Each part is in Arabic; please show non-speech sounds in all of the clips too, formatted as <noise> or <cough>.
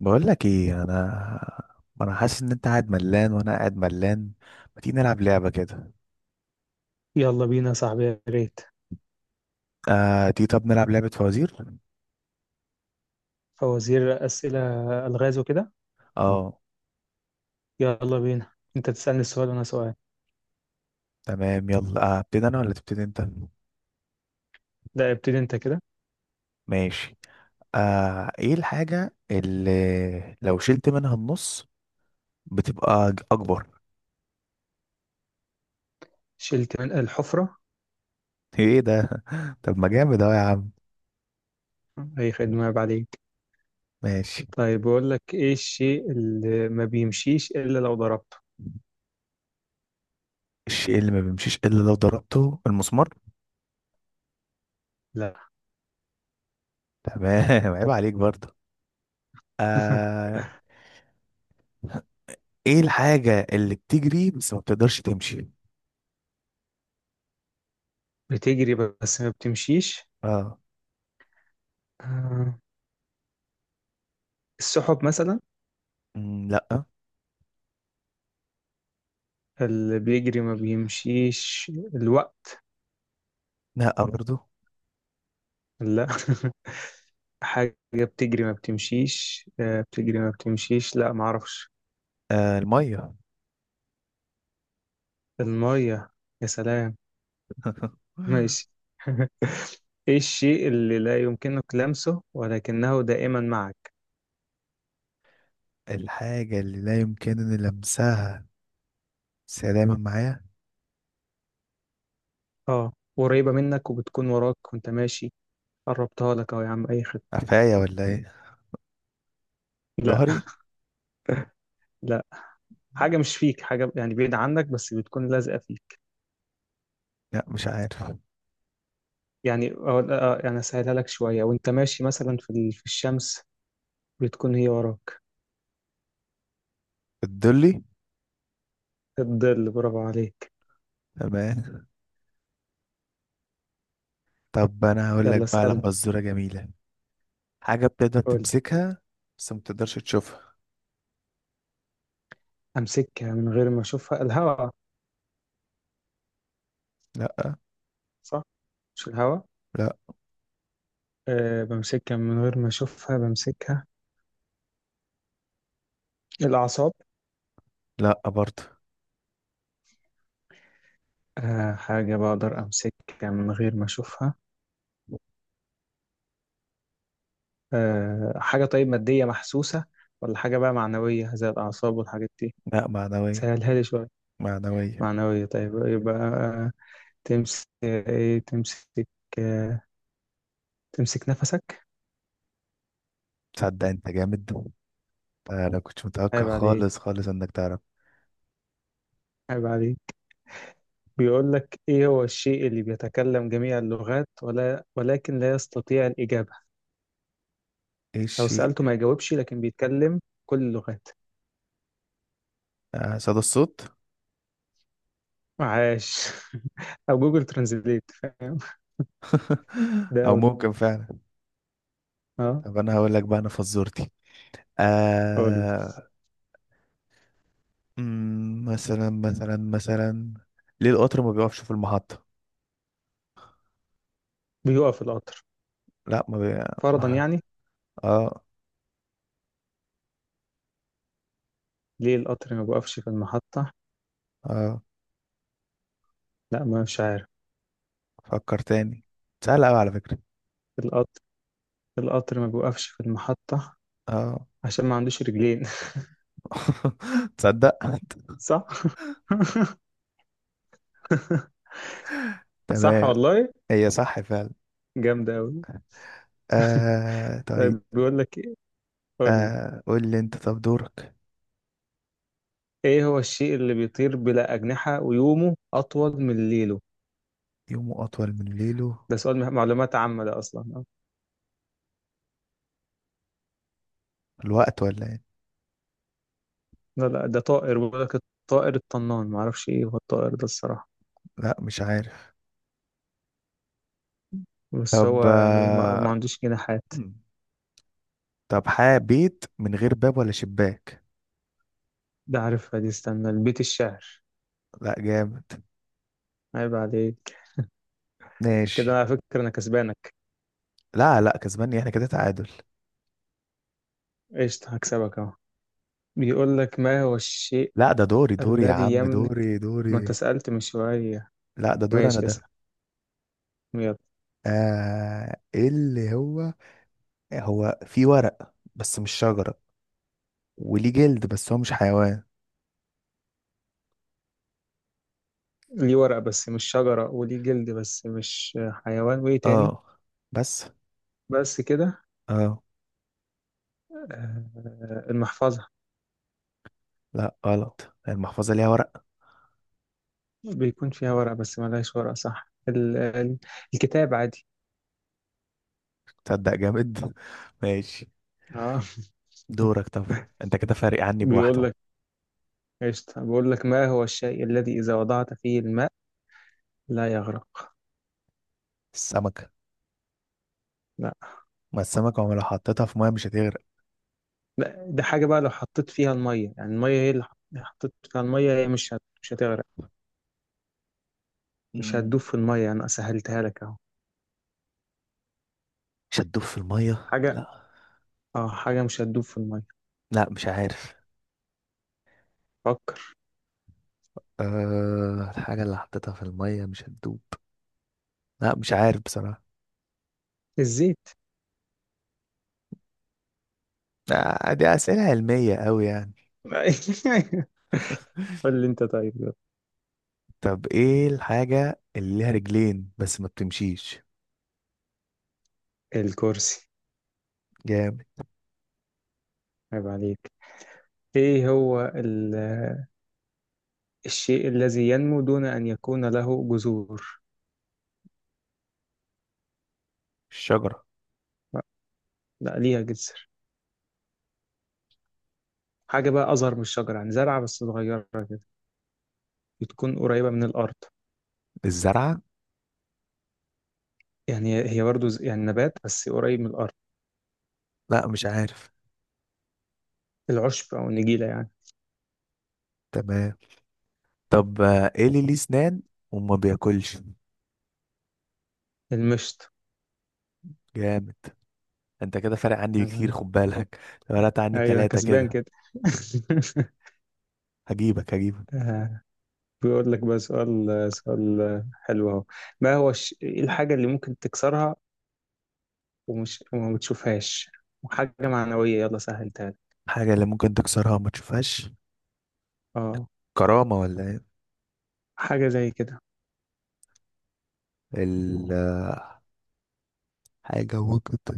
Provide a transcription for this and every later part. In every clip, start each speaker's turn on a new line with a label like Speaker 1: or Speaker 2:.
Speaker 1: بقول لك ايه. انا حاسس ان انت قاعد ملان وانا قاعد ملان. ما تيجي نلعب لعبه كده؟
Speaker 2: يلا بينا يا صاحبي، يا ريت.
Speaker 1: آه تيجي، طب نلعب لعبه فوازير.
Speaker 2: فوازير، أسئلة. ألغاز وكده.
Speaker 1: اه،
Speaker 2: يلا بينا. أنت تسألني السؤال وأنا سؤال.
Speaker 1: تمام يلا. ابتدي انا ولا تبتدي انت؟
Speaker 2: لا، ابتدي أنت كده.
Speaker 1: ماشي. آه، ايه الحاجه اللي لو شلت منها النص بتبقى اكبر؟
Speaker 2: شلت من الحفرة.
Speaker 1: <laughs> ايه ده؟ طب ما جامد اهو يا عم.
Speaker 2: أي خدمة، عيب عليك.
Speaker 1: ماشي.
Speaker 2: طيب، بقول لك إيه الشيء اللي ما بيمشيش إلا لو ضربته؟
Speaker 1: الشيء اللي ما بيمشيش الا لو ضربته، المسمار.
Speaker 2: لا.
Speaker 1: تمام <laughs> عيب عليك برضه.
Speaker 2: <laughs>
Speaker 1: آه، ايه الحاجه اللي بتجري بس ما بتقدرش تمشي؟
Speaker 2: بتجري بس ما بتمشيش.
Speaker 1: اه.
Speaker 2: آه، السحب مثلا.
Speaker 1: لا.
Speaker 2: اللي بيجري ما بيمشيش الوقت.
Speaker 1: لا برضو.
Speaker 2: لا. <laughs> حاجة بتجري ما بتمشيش، بتجري ما بتمشيش، لا معرفش.
Speaker 1: آه، المية.
Speaker 2: المية. يا سلام.
Speaker 1: <laughs>
Speaker 2: ماشي. <laughs> ايه الشيء اللي لا يمكنك لمسه ولكنه دائما معك؟
Speaker 1: الحاجة اللي لا يمكنني لمسها، بس هي دايما معايا.
Speaker 2: اه. قريبة منك وبتكون وراك وانت ماشي. قربتها لك اهو يا عم، اي خد.
Speaker 1: قفايا ولا ايه؟
Speaker 2: لا.
Speaker 1: ظهري.
Speaker 2: لا. حاجة مش فيك، حاجة يعني بعيدة عنك بس بتكون لازقة فيك.
Speaker 1: لا مش عارف.
Speaker 2: يعني يعني اسهلها لك شوية، وانت ماشي مثلا في الشمس بتكون هي وراك.
Speaker 1: الدلي.
Speaker 2: الظل، برافو عليك.
Speaker 1: تمام. طب انا هقول لك
Speaker 2: يلا
Speaker 1: بقى على
Speaker 2: اسألني.
Speaker 1: فزورة جميلة. حاجة بتقدر
Speaker 2: قول لي.
Speaker 1: تمسكها بس ما تقدرش تشوفها.
Speaker 2: امسكها من غير ما اشوفها، الهواء.
Speaker 1: لا.
Speaker 2: صح. مش الهواء.
Speaker 1: لا.
Speaker 2: بمسكها من غير ما اشوفها، بمسكها. الأعصاب.
Speaker 1: لا برضو.
Speaker 2: حاجة بقدر أمسكها من غير ما أشوفها. حاجة طيب مادية محسوسة، ولا حاجة بقى معنوية زي الأعصاب والحاجات دي؟
Speaker 1: لا، معنوية.
Speaker 2: سهلها لي شوية.
Speaker 1: معنوية.
Speaker 2: معنوية، طيب يبقى تمسك إيه؟ تمسك. آه، تمسك نفسك.
Speaker 1: تصدق انت جامد؟ انا كنت متوقع
Speaker 2: عيب
Speaker 1: خالص
Speaker 2: عليك.
Speaker 1: خالص انك تعرف.
Speaker 2: عيب عليك. بيقول لك إيه هو الشيء اللي بيتكلم جميع اللغات ولا ولكن لا يستطيع الإجابة؟
Speaker 1: ايه
Speaker 2: لو سألته ما
Speaker 1: الشيء؟
Speaker 2: يجاوبش لكن بيتكلم كل اللغات.
Speaker 1: آه، صدى الصوت.
Speaker 2: عاش. <laughs> أو جوجل ترانزليت، فاهم. ده
Speaker 1: <laughs> او
Speaker 2: أو ده.
Speaker 1: ممكن فعلا.
Speaker 2: أه.
Speaker 1: طب انا هقول لك بقى انا فزورتي.
Speaker 2: قول.
Speaker 1: آه. مثلا، ليه القطر ما بيقفش في المحطة؟
Speaker 2: بيقف القطر،
Speaker 1: لا ما بي...
Speaker 2: فرضا يعني.
Speaker 1: اه.
Speaker 2: ليه القطر ما بيقفش في المحطة؟
Speaker 1: اه.
Speaker 2: لا، ما مش عارف.
Speaker 1: فكر تاني، سهلة قوي على فكرة.
Speaker 2: القطر. القطر ما بيوقفش في المحطة
Speaker 1: اه.
Speaker 2: عشان ما عندوش رجلين. <laughs>
Speaker 1: <laughs> تصدق.
Speaker 2: صح. <laughs> صح
Speaker 1: تمام.
Speaker 2: والله.
Speaker 1: هي صح فعلا.
Speaker 2: جامدة أوي.
Speaker 1: آه طيب.
Speaker 2: طيب، بيقول لك إيه؟ قول لي.
Speaker 1: آه قول لي انت، طب دورك.
Speaker 2: إيه هو الشيء اللي بيطير بلا أجنحة ويومه أطول من ليله؟
Speaker 1: يومه اطول من ليله،
Speaker 2: ده سؤال معلومات عامة ده أصلا.
Speaker 1: الوقت ولا ايه؟
Speaker 2: لا لا، ده طائر، بيقول لك الطائر الطنان. ما أعرفش إيه هو الطائر ده الصراحة.
Speaker 1: لا مش عارف.
Speaker 2: بس
Speaker 1: طب
Speaker 2: هو يعني ما
Speaker 1: آه
Speaker 2: عندوش جناحات.
Speaker 1: طب حاب بيت من غير باب ولا شباك.
Speaker 2: ده عارفها دي، استنى، البيت الشعر.
Speaker 1: لا جامد.
Speaker 2: عيب عليك. كده
Speaker 1: ماشي.
Speaker 2: على فكرة أنا كسبانك.
Speaker 1: لا لا، كسباني احنا، كده تعادل.
Speaker 2: قشطة، هكسبك أهو. بيقول لك ما هو الشيء
Speaker 1: لا ده دوري يا عم،
Speaker 2: الذي يملك.
Speaker 1: دوري
Speaker 2: ما
Speaker 1: دوري
Speaker 2: أنت سألت من شوية.
Speaker 1: لا ده دور انا
Speaker 2: ماشي،
Speaker 1: ده.
Speaker 2: اسأل. يلا.
Speaker 1: آه، إيه اللي هو، هو في ورق بس مش شجرة، وليه جلد بس هو مش حيوان.
Speaker 2: ليه ورق بس مش شجرة، وليه جلد بس مش حيوان، وإيه تاني؟
Speaker 1: اه. بس.
Speaker 2: بس كده.
Speaker 1: اه.
Speaker 2: المحفظة.
Speaker 1: لا غلط، المحفظة ليها ورق.
Speaker 2: بيكون فيها ورق بس ملهاش ورق، صح. الكتاب عادي.
Speaker 1: تصدق جامد <laughs> ماشي.
Speaker 2: اه. <laughs>
Speaker 1: دورك طب. انت كده فارق عني
Speaker 2: بيقول
Speaker 1: بواحدة.
Speaker 2: لك، قشطة. بيقول لك ما هو الشيء الذي إذا وضعت فيه الماء لا يغرق؟
Speaker 1: السمكة.
Speaker 2: لا.
Speaker 1: ما السمكة عمرها لو حطيتها في مية مش
Speaker 2: لا ده حاجة، بقى لو حطيت فيها المية، يعني المية هي اللي حطيت فيها المية، هي مش هتغرق. مش
Speaker 1: هتغرق.
Speaker 2: هتدوب في المية، أنا سهلتها لك أهو.
Speaker 1: مش هتدوب في المية.
Speaker 2: حاجة.
Speaker 1: لا.
Speaker 2: اه، حاجة مش هتدوب في المية.
Speaker 1: لا مش عارف.
Speaker 2: فكر.
Speaker 1: أه الحاجة اللي حطيتها في المية مش هتدوب. لا مش عارف بصراحة.
Speaker 2: الزيت.
Speaker 1: آه، دي أسئلة علمية أوي يعني.
Speaker 2: <laughs>
Speaker 1: <laughs>
Speaker 2: قول لي أنت طيب، يلا.
Speaker 1: طب ايه الحاجة اللي ليها رجلين بس ما بتمشيش؟
Speaker 2: الكرسي.
Speaker 1: جامد.
Speaker 2: عيب عليك. إيه هو ال... الشيء الذي ينمو دون أن يكون له جذور؟
Speaker 1: الشجرة.
Speaker 2: لا, لا ليها جذر. حاجة بقى أصغر من الشجرة، يعني زرعة بس صغيرة كده. بتكون قريبة من الأرض.
Speaker 1: الزرعة.
Speaker 2: يعني هي برضو يعني نبات بس قريب من الأرض.
Speaker 1: لا مش عارف.
Speaker 2: العشب أو النجيلة يعني.
Speaker 1: تمام. طب آه، ايه اللي ليه سنان وما بياكلش؟
Speaker 2: المشط.
Speaker 1: جامد. انت كده فارق عني كتير، خد بالك لو فرقت عني
Speaker 2: أيوة أنا
Speaker 1: بتلاتة
Speaker 2: كسبان
Speaker 1: كده.
Speaker 2: كده. <laughs>
Speaker 1: هجيبك، هجيبك.
Speaker 2: آه، بيقول لك بقى سؤال. سؤال حلو أهو. ما هو الش- إيه الحاجة اللي ممكن تكسرها وما بتشوفهاش، وحاجة معنوية يلا سهلتها لك.
Speaker 1: حاجة اللي ممكن تكسرها وما تشوفهاش،
Speaker 2: اه.
Speaker 1: كرامة ولا
Speaker 2: حاجة زي كده.
Speaker 1: ايه؟ حاجة وجدت.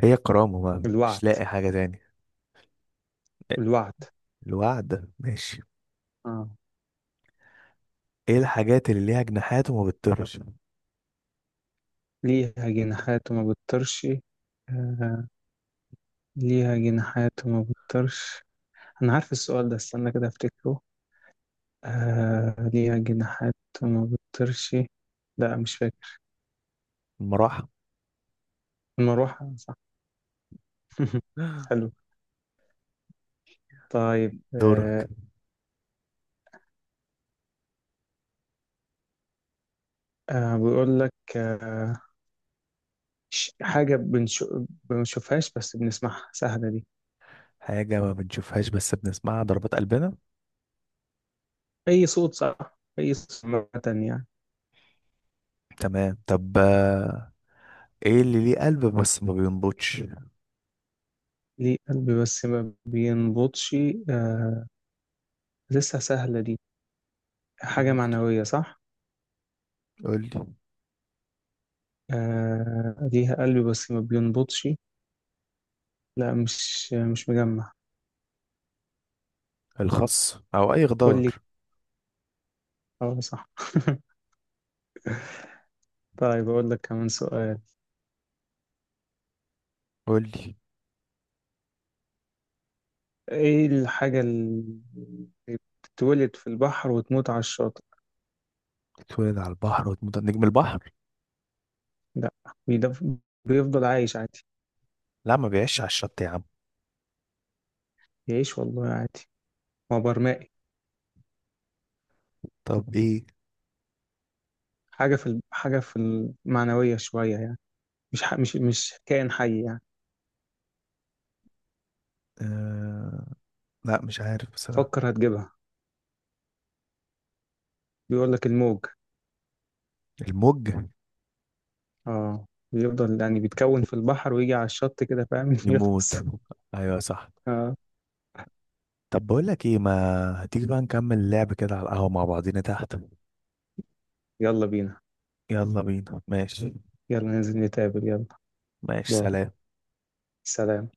Speaker 1: هي كرامة بقى،
Speaker 2: الوعد.
Speaker 1: مش لاقي حاجة تاني.
Speaker 2: الوعد.
Speaker 1: الوعد، ماشي.
Speaker 2: اه.
Speaker 1: ايه الحاجات اللي ليها جناحات وما بتطيرش؟
Speaker 2: ليها جناحات وما بتطيرش. آه. ليها جناحات وما بتطيرش. أنا عارف السؤال ده، استنى كده أفتكره. ليها جناحات وما بتطيرش. لا مش فاكر.
Speaker 1: المراحة.
Speaker 2: المروحة، صح. <laughs> حلو. طيب.
Speaker 1: دورك.
Speaker 2: بيقول لك. حاجة بنشوفهاش بس بنسمعها، سهلة دي.
Speaker 1: حاجة ما بنشوفهاش بس بنسمعها، ضربات قلبنا.
Speaker 2: أي صوت، صح، أي صوت، عامة يعني.
Speaker 1: تمام. طب آه، ايه اللي ليه قلب بس ما بينبضش؟
Speaker 2: ليه قلبي بس ما بينبضش؟ آه لسه سهلة دي. حاجة
Speaker 1: قول،
Speaker 2: معنوية، صح.
Speaker 1: قول لي.
Speaker 2: ليها قلبي بس ما بينبضش. لا مش مجمع.
Speaker 1: الخس او اي
Speaker 2: قول
Speaker 1: خضار.
Speaker 2: لي. اه صح. <laughs> طيب أقول لك كمان سؤال.
Speaker 1: قول لي.
Speaker 2: إيه الحاجة اللي بتتولد في البحر وتموت على الشاطئ؟
Speaker 1: اتولد على البحر وتموت على نجم البحر.
Speaker 2: لا. بيدف... بيفضل عايش عادي.
Speaker 1: لا ما بيعيش على الشط يا عم.
Speaker 2: يعيش والله عادي. هو برمائي.
Speaker 1: طب ايه؟
Speaker 2: حاجة في المعنوية شوية يعني. مش كائن حي يعني.
Speaker 1: آه... لا مش عارف بصراحة.
Speaker 2: فكر، هتجيبها. بيقول لك الموج.
Speaker 1: الموج.
Speaker 2: اه. بيفضل يعني بيتكون في البحر ويجي على الشط كده فاهم. <laughs> يخلص.
Speaker 1: يموت. ايوه صح.
Speaker 2: اه.
Speaker 1: طب بقول لك ايه، ما هتيجي بقى نكمل اللعب كده على القهوة مع بعضينا تحت؟
Speaker 2: يلا بينا.
Speaker 1: يلا بينا ماشي.
Speaker 2: يلا ننزل نتقابل، يلا.
Speaker 1: ماشي
Speaker 2: باي.
Speaker 1: سلام.
Speaker 2: سلام.